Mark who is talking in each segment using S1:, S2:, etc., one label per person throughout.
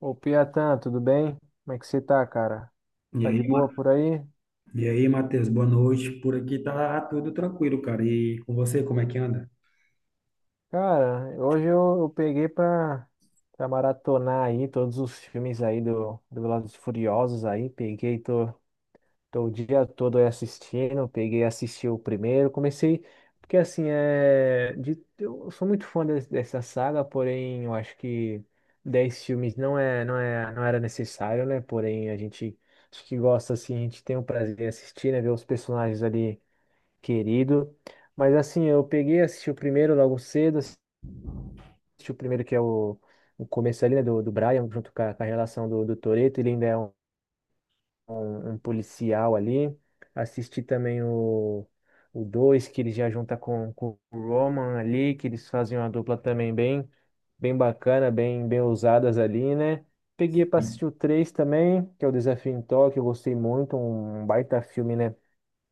S1: Ô, Piatan, tudo bem? Como é que você tá, cara?
S2: E
S1: Tá
S2: aí,
S1: de
S2: Ma-
S1: boa por aí?
S2: e aí, Matheus, boa noite. Por aqui tá tudo tranquilo, cara. E com você, como é que anda?
S1: Cara, hoje eu peguei pra maratonar aí todos os filmes aí do Velozes e Furiosos aí. Peguei, tô o dia todo aí assistindo. Peguei, assisti o primeiro. Comecei, porque assim, é, eu sou muito fã dessa saga, porém eu acho que 10 filmes não era necessário, né? Porém a gente, acho que gosta assim, a gente tem o prazer de assistir, né? Ver os personagens ali querido. Mas assim, eu peguei, assisti o primeiro logo cedo, assisti o primeiro que é o começo ali, né, do Brian, junto com com a relação do Toretto, ele ainda é um policial ali. Assisti também o dois, que ele já junta com o Roman ali, que eles fazem uma dupla também bem, bem bacana, bem, bem ousadas ali, né? Peguei para
S2: Sim.
S1: assistir o três também, que é o Desafio em Tóquio, eu gostei muito, um baita filme, né?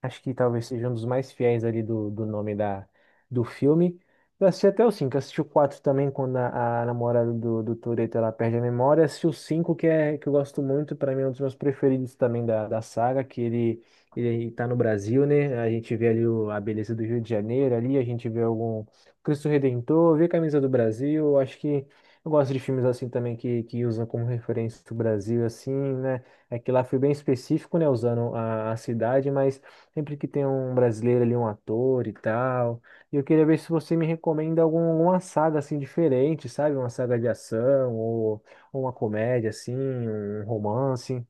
S1: Acho que talvez seja um dos mais fiéis ali do nome do filme. Eu assisti até o 5 assisti o 4 também, quando a namorada do Toretto ela perde a memória. Assisti o 5 que, é, que eu gosto muito, para mim é um dos meus preferidos também da saga, que ele tá no Brasil, né? A gente vê ali a beleza do Rio de Janeiro, ali a gente vê algum Cristo Redentor, vê a camisa do Brasil. Eu Acho que eu gosto de filmes assim também que usam como referência o Brasil, assim, né? É que lá foi bem específico, né? Usando a cidade, mas. Sempre que tem um brasileiro ali, um ator e tal. E eu queria ver se você me recomenda algum, alguma saga assim diferente, sabe? Uma saga de ação ou uma comédia assim, um romance.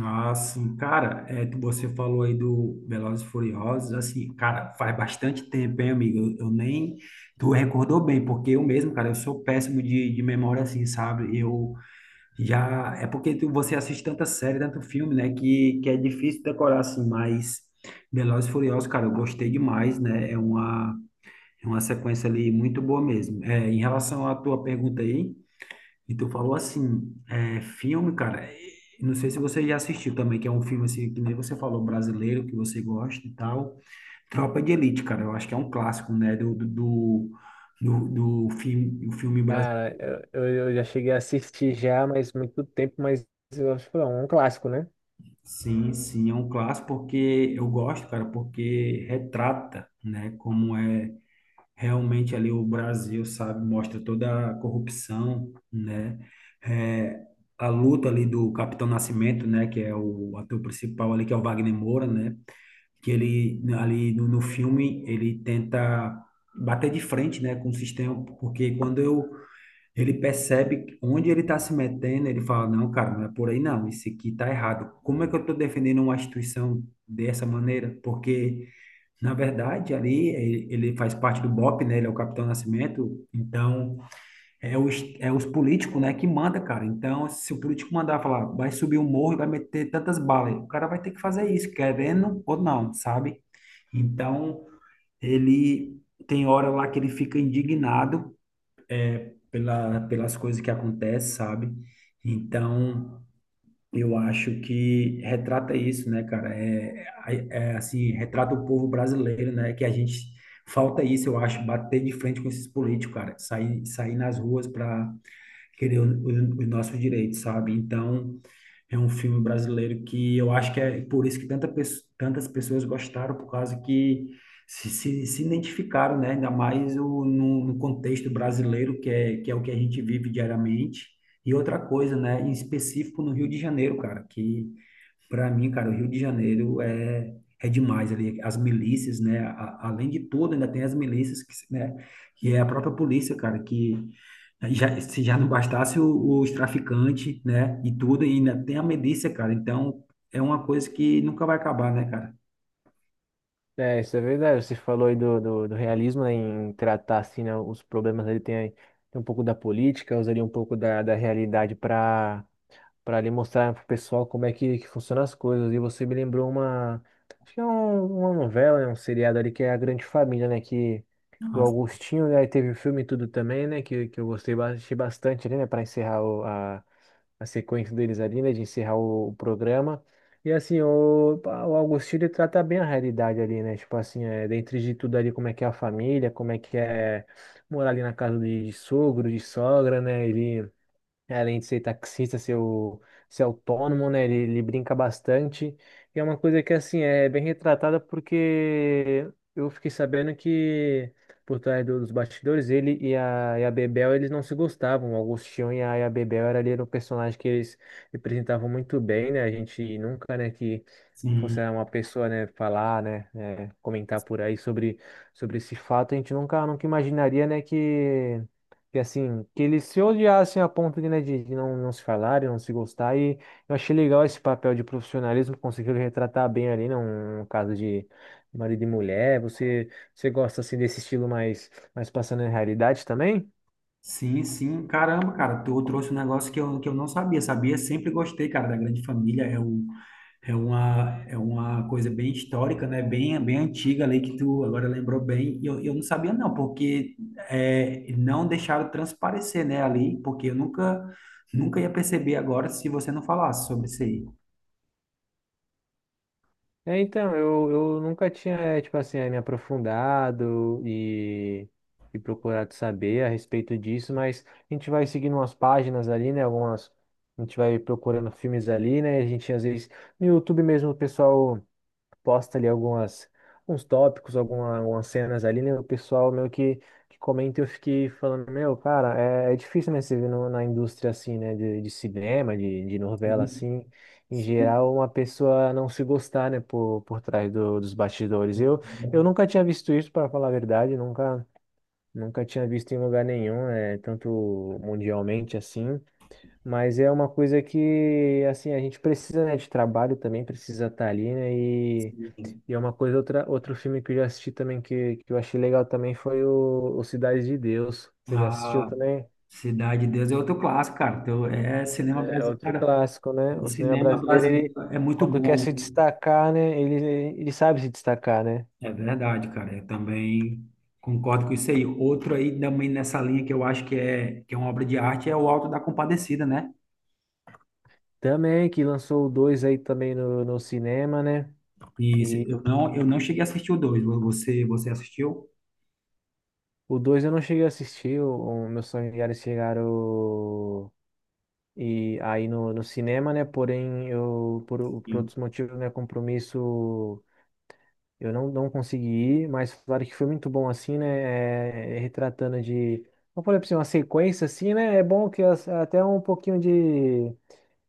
S2: Ah, sim, cara, você falou aí do Velozes e Furiosos, assim, cara, faz bastante tempo, hein, amigo? Eu nem, tu recordou bem, porque eu mesmo, cara, eu sou péssimo de memória, assim, sabe? Eu já, é porque tu, você assiste tanta série, tanto filme, né, que é difícil decorar, assim, mas Velozes e Furiosos, cara, eu gostei demais, né? É uma sequência ali muito boa mesmo. É, em relação à tua pergunta aí, e tu falou assim, é, filme, cara, é, não sei se você já assistiu também, que é um filme assim, que nem você falou, brasileiro, que você gosta e tal. Tropa de Elite, cara, eu acho que é um clássico, né, do filme, o filme brasileiro.
S1: Cara, eu já cheguei a assistir já, mas muito tempo, mas eu acho que é um clássico, né?
S2: Sim, sim, é um clássico porque eu gosto, cara, porque retrata, né, como é realmente ali o Brasil, sabe, mostra toda a corrupção, né? É, a luta ali do Capitão Nascimento, né, que é o ator principal ali, que é o Wagner Moura, né? Que ele ali no filme ele tenta bater de frente, né, com o sistema, porque quando eu ele percebe onde ele está se metendo, ele fala, não, cara, não é por aí não, isso aqui tá errado. Como é que eu estou defendendo uma instituição dessa maneira? Porque na verdade, ali ele faz parte do BOP, né? Ele é o Capitão Nascimento. Então, é os políticos, né, que manda, cara. Então, se o político mandar falar, vai subir o morro e vai meter tantas balas, o cara vai ter que fazer isso, querendo ou não, sabe? Então, ele tem hora lá que ele fica indignado pelas coisas que acontecem, sabe? Então, eu acho que retrata isso, né, cara? Assim, retrata o povo brasileiro, né? Que a gente falta isso, eu acho, bater de frente com esses políticos, cara, sair nas ruas para querer os nossos direitos, sabe? Então, é um filme brasileiro que eu acho que é por isso que tantas pessoas gostaram, por causa que se identificaram, né? Ainda mais o, no, no contexto brasileiro, que é o que a gente vive diariamente. E outra coisa, né? Em específico no Rio de Janeiro, cara, que para mim, cara, o Rio de Janeiro é demais ali. As milícias, né? Além de tudo, ainda tem as milícias, que, né? Que é a própria polícia, cara, que já, se já não bastasse os traficantes, né? E tudo, e ainda tem a milícia, cara. Então, é uma coisa que nunca vai acabar, né, cara?
S1: É, isso é verdade. Você falou aí do realismo, né, em tratar assim, né, os problemas ali tem, tem um pouco da política, usaria um pouco da realidade para para ali mostrar pro pessoal como é que funcionam as coisas. E você me lembrou uma, acho que é uma novela, né, um seriado ali que é A Grande Família, né, que o
S2: Nossa,
S1: Augustinho, né, aí teve o filme e tudo também, né, que eu gostei achei bastante ali, né, para encerrar a sequência deles ali, né, de encerrar o programa. E assim, o, pá, o Augustinho ele trata bem a realidade ali, né? Tipo assim, é, dentro de tudo ali, como é que é a família, como é que é morar ali na casa de sogro, de sogra, né? Ele é, além de ser taxista, ser, ser autônomo, né? Ele brinca bastante. E é uma coisa que, assim, é bem retratada porque eu fiquei sabendo que por trás dos bastidores, ele e e a Bebel, eles não se gostavam. O Agostinho e e a Bebel era ali era um personagem que eles representavam muito bem, né? A gente nunca, né, que fosse
S2: sim.
S1: uma pessoa, né, falar, né, comentar por aí sobre, sobre esse fato, a gente nunca imaginaria, né, que assim, que eles se odiassem a ponto de, né, de não se falarem, não se gostar. E eu achei legal esse papel de profissionalismo, conseguiram retratar bem ali, né, um caso de marido e mulher. Você gosta assim desse estilo mais, mais passando em realidade também?
S2: Sim, sim. Caramba, cara, tu trouxe um negócio que que eu não sabia. Sabia, sempre gostei, cara, da Grande Família. É uma coisa bem histórica, né? Bem antiga ali que tu agora lembrou bem. E eu não sabia não, porque é, não deixaram transparecer, né, ali, porque eu nunca, nunca ia perceber agora se você não falasse sobre isso aí.
S1: É, então, eu nunca tinha, tipo assim, me aprofundado e procurado saber a respeito disso, mas a gente vai seguindo umas páginas ali, né? Algumas. A gente vai procurando filmes ali, né? A gente às vezes. No YouTube mesmo, o pessoal posta ali algumas uns tópicos, alguma, algumas cenas ali, né? O pessoal meio que comenta e eu fiquei falando, meu, cara, é, é difícil, né, você ver na indústria assim, né, de cinema, de novela
S2: Sim,
S1: assim, em
S2: sim,
S1: geral, uma pessoa não se gostar, né, por trás dos bastidores. Eu nunca tinha visto isso, para falar a verdade, nunca, nunca tinha visto em lugar nenhum, é, tanto mundialmente assim. Mas é uma coisa que, assim, a gente precisa, né, de trabalho também, precisa estar ali, né,
S2: sim.
S1: e é uma coisa, outra, outro filme que eu já assisti também, que eu achei legal também, foi o Cidade de Deus. Você já assistiu
S2: Ah,
S1: também?
S2: Cidade de Deus é outro clássico, cara. Então, é cinema
S1: É
S2: brasileiro.
S1: outro
S2: Cara,
S1: clássico, né? O cinema
S2: cinema
S1: brasileiro,
S2: brasileiro
S1: ele,
S2: é muito
S1: quando quer
S2: bom.
S1: se destacar, né? Ele sabe se destacar, né?
S2: É verdade, cara. Eu também concordo com isso aí. Outro aí também nessa linha que eu acho que é uma obra de arte é o Alto da Compadecida, né?
S1: Também, que lançou o 2 aí também no cinema, né?
S2: E
S1: E
S2: eu não cheguei a assistir o dois. Você assistiu?
S1: o 2 eu não cheguei a assistir, meus familiares chegaram e aí no cinema, né? Porém, eu, por
S2: Sim.
S1: outros motivos, né? Compromisso. Eu não consegui ir, mas falaram que foi muito bom, assim, né? É, retratando de. Vamos falar pra você, uma sequência, assim, né? É bom que até um pouquinho de.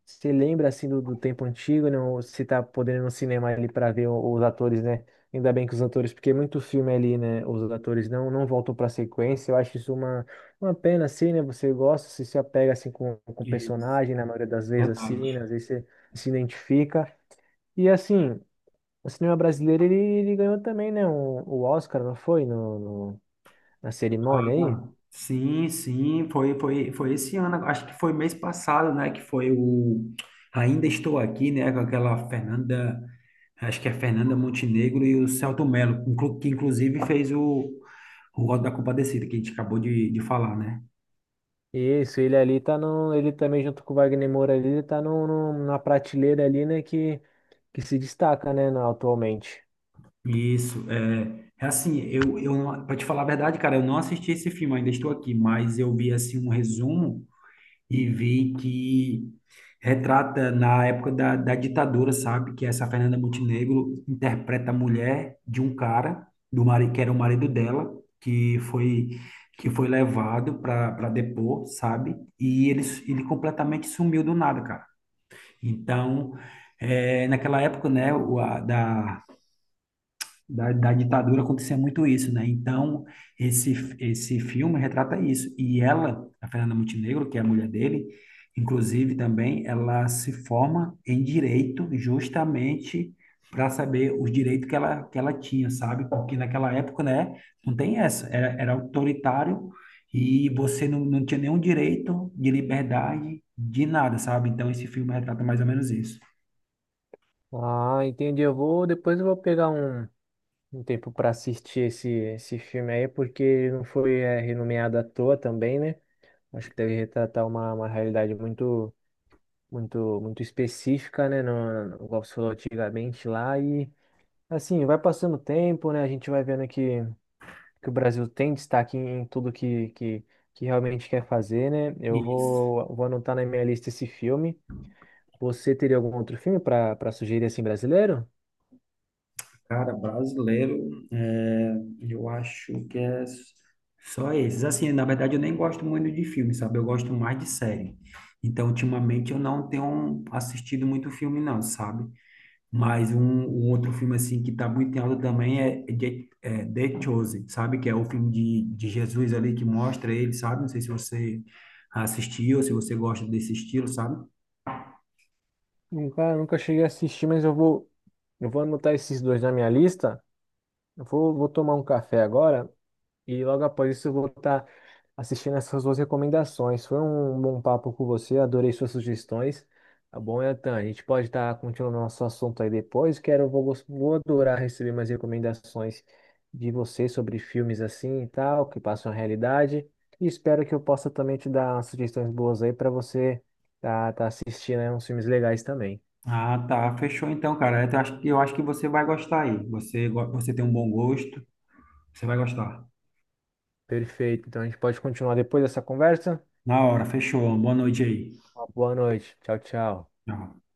S1: Você lembra, assim, do tempo antigo, né? Ou se tá podendo ir no cinema ali para ver os atores, né? Ainda bem que os atores, porque é muito filme ali, né? Os atores não voltam pra sequência. Eu acho isso uma pena, assim, né? Você gosta, se se apega, assim, com o
S2: Isso,
S1: personagem, na maioria das vezes, assim,
S2: verdade.
S1: né? Às vezes você se identifica. E assim, o cinema brasileiro, ele ganhou também, né? Um, o Oscar, não foi? Na cerimônia aí?
S2: Ah, sim, sim. Foi esse ano. Acho que foi mês passado, né? Que foi o Ainda Estou Aqui, né? Com aquela Fernanda, acho que é Fernanda Montenegro e o Selton Mello, que inclusive fez o voto da compadecida que a gente acabou de falar, né?
S1: Isso, ele ali tá no. Ele também, junto com o Wagner Moura ali, ele tá na prateleira ali, né? Que se destaca, né? Atualmente.
S2: Isso, é assim, eu não, pra te falar a verdade, cara, eu não assisti esse filme, ainda estou aqui, mas eu vi, assim, um resumo e vi que retrata na época da ditadura, sabe? Que essa Fernanda Montenegro interpreta a mulher de um cara, do marido, que era o marido dela, que foi, que foi levado para depor, sabe? E ele completamente sumiu do nada, cara. Então, é, naquela época, né, da ditadura acontecia muito isso, né? Então, esse filme retrata isso. E ela, a Fernanda Montenegro, que é a mulher dele, inclusive também, ela se forma em direito justamente para saber os direitos que ela tinha, sabe? Porque naquela época, né, não tem essa, era autoritário e você não, não tinha nenhum direito de liberdade de nada, sabe? Então, esse filme retrata mais ou menos isso.
S1: Ah, entendi. Eu vou. Depois eu vou pegar um, um tempo para assistir esse, esse filme aí, porque ele não foi é, renomeado à toa também, né? Acho que deve retratar uma realidade muito. Muito, muito específica, né? No, no, igual você falou antigamente lá, e assim, vai passando o tempo, né? A gente vai vendo que o Brasil tem destaque em, em tudo que, que realmente quer fazer, né?
S2: Isso.
S1: Vou anotar na minha lista esse filme. Você teria algum outro filme para para sugerir assim brasileiro?
S2: Cara, brasileiro, é, eu acho que é só esses. Assim, na verdade, eu nem gosto muito de filme, sabe? Eu gosto mais de série. Então, ultimamente, eu não tenho assistido muito filme, não, sabe? Mas um outro filme, assim, que tá muito em alta também é The Chosen, sabe? Que é o filme de Jesus ali que mostra ele, sabe? Não sei se você assistiu, se você gosta desse estilo, sabe?
S1: Nunca, nunca cheguei a assistir, mas eu vou anotar esses dois na minha lista. Vou tomar um café agora e logo após isso eu vou estar assistindo essas suas recomendações. Foi um bom papo com você, adorei suas sugestões. Tá bom, Etan? A gente pode estar continuando nosso assunto aí depois. Quero, vou, vou adorar receber mais recomendações de você sobre filmes assim e tal, que passam a realidade. E espero que eu possa também te dar umas sugestões boas aí para você tá assistindo aí uns filmes legais também.
S2: Ah, tá. Fechou então, cara. Eu acho que você vai gostar aí. Você tem um bom gosto. Você vai gostar.
S1: Perfeito. Então a gente pode continuar depois dessa conversa.
S2: Na hora, fechou. Boa noite aí.
S1: Uma boa noite. Tchau, tchau.
S2: Tchau.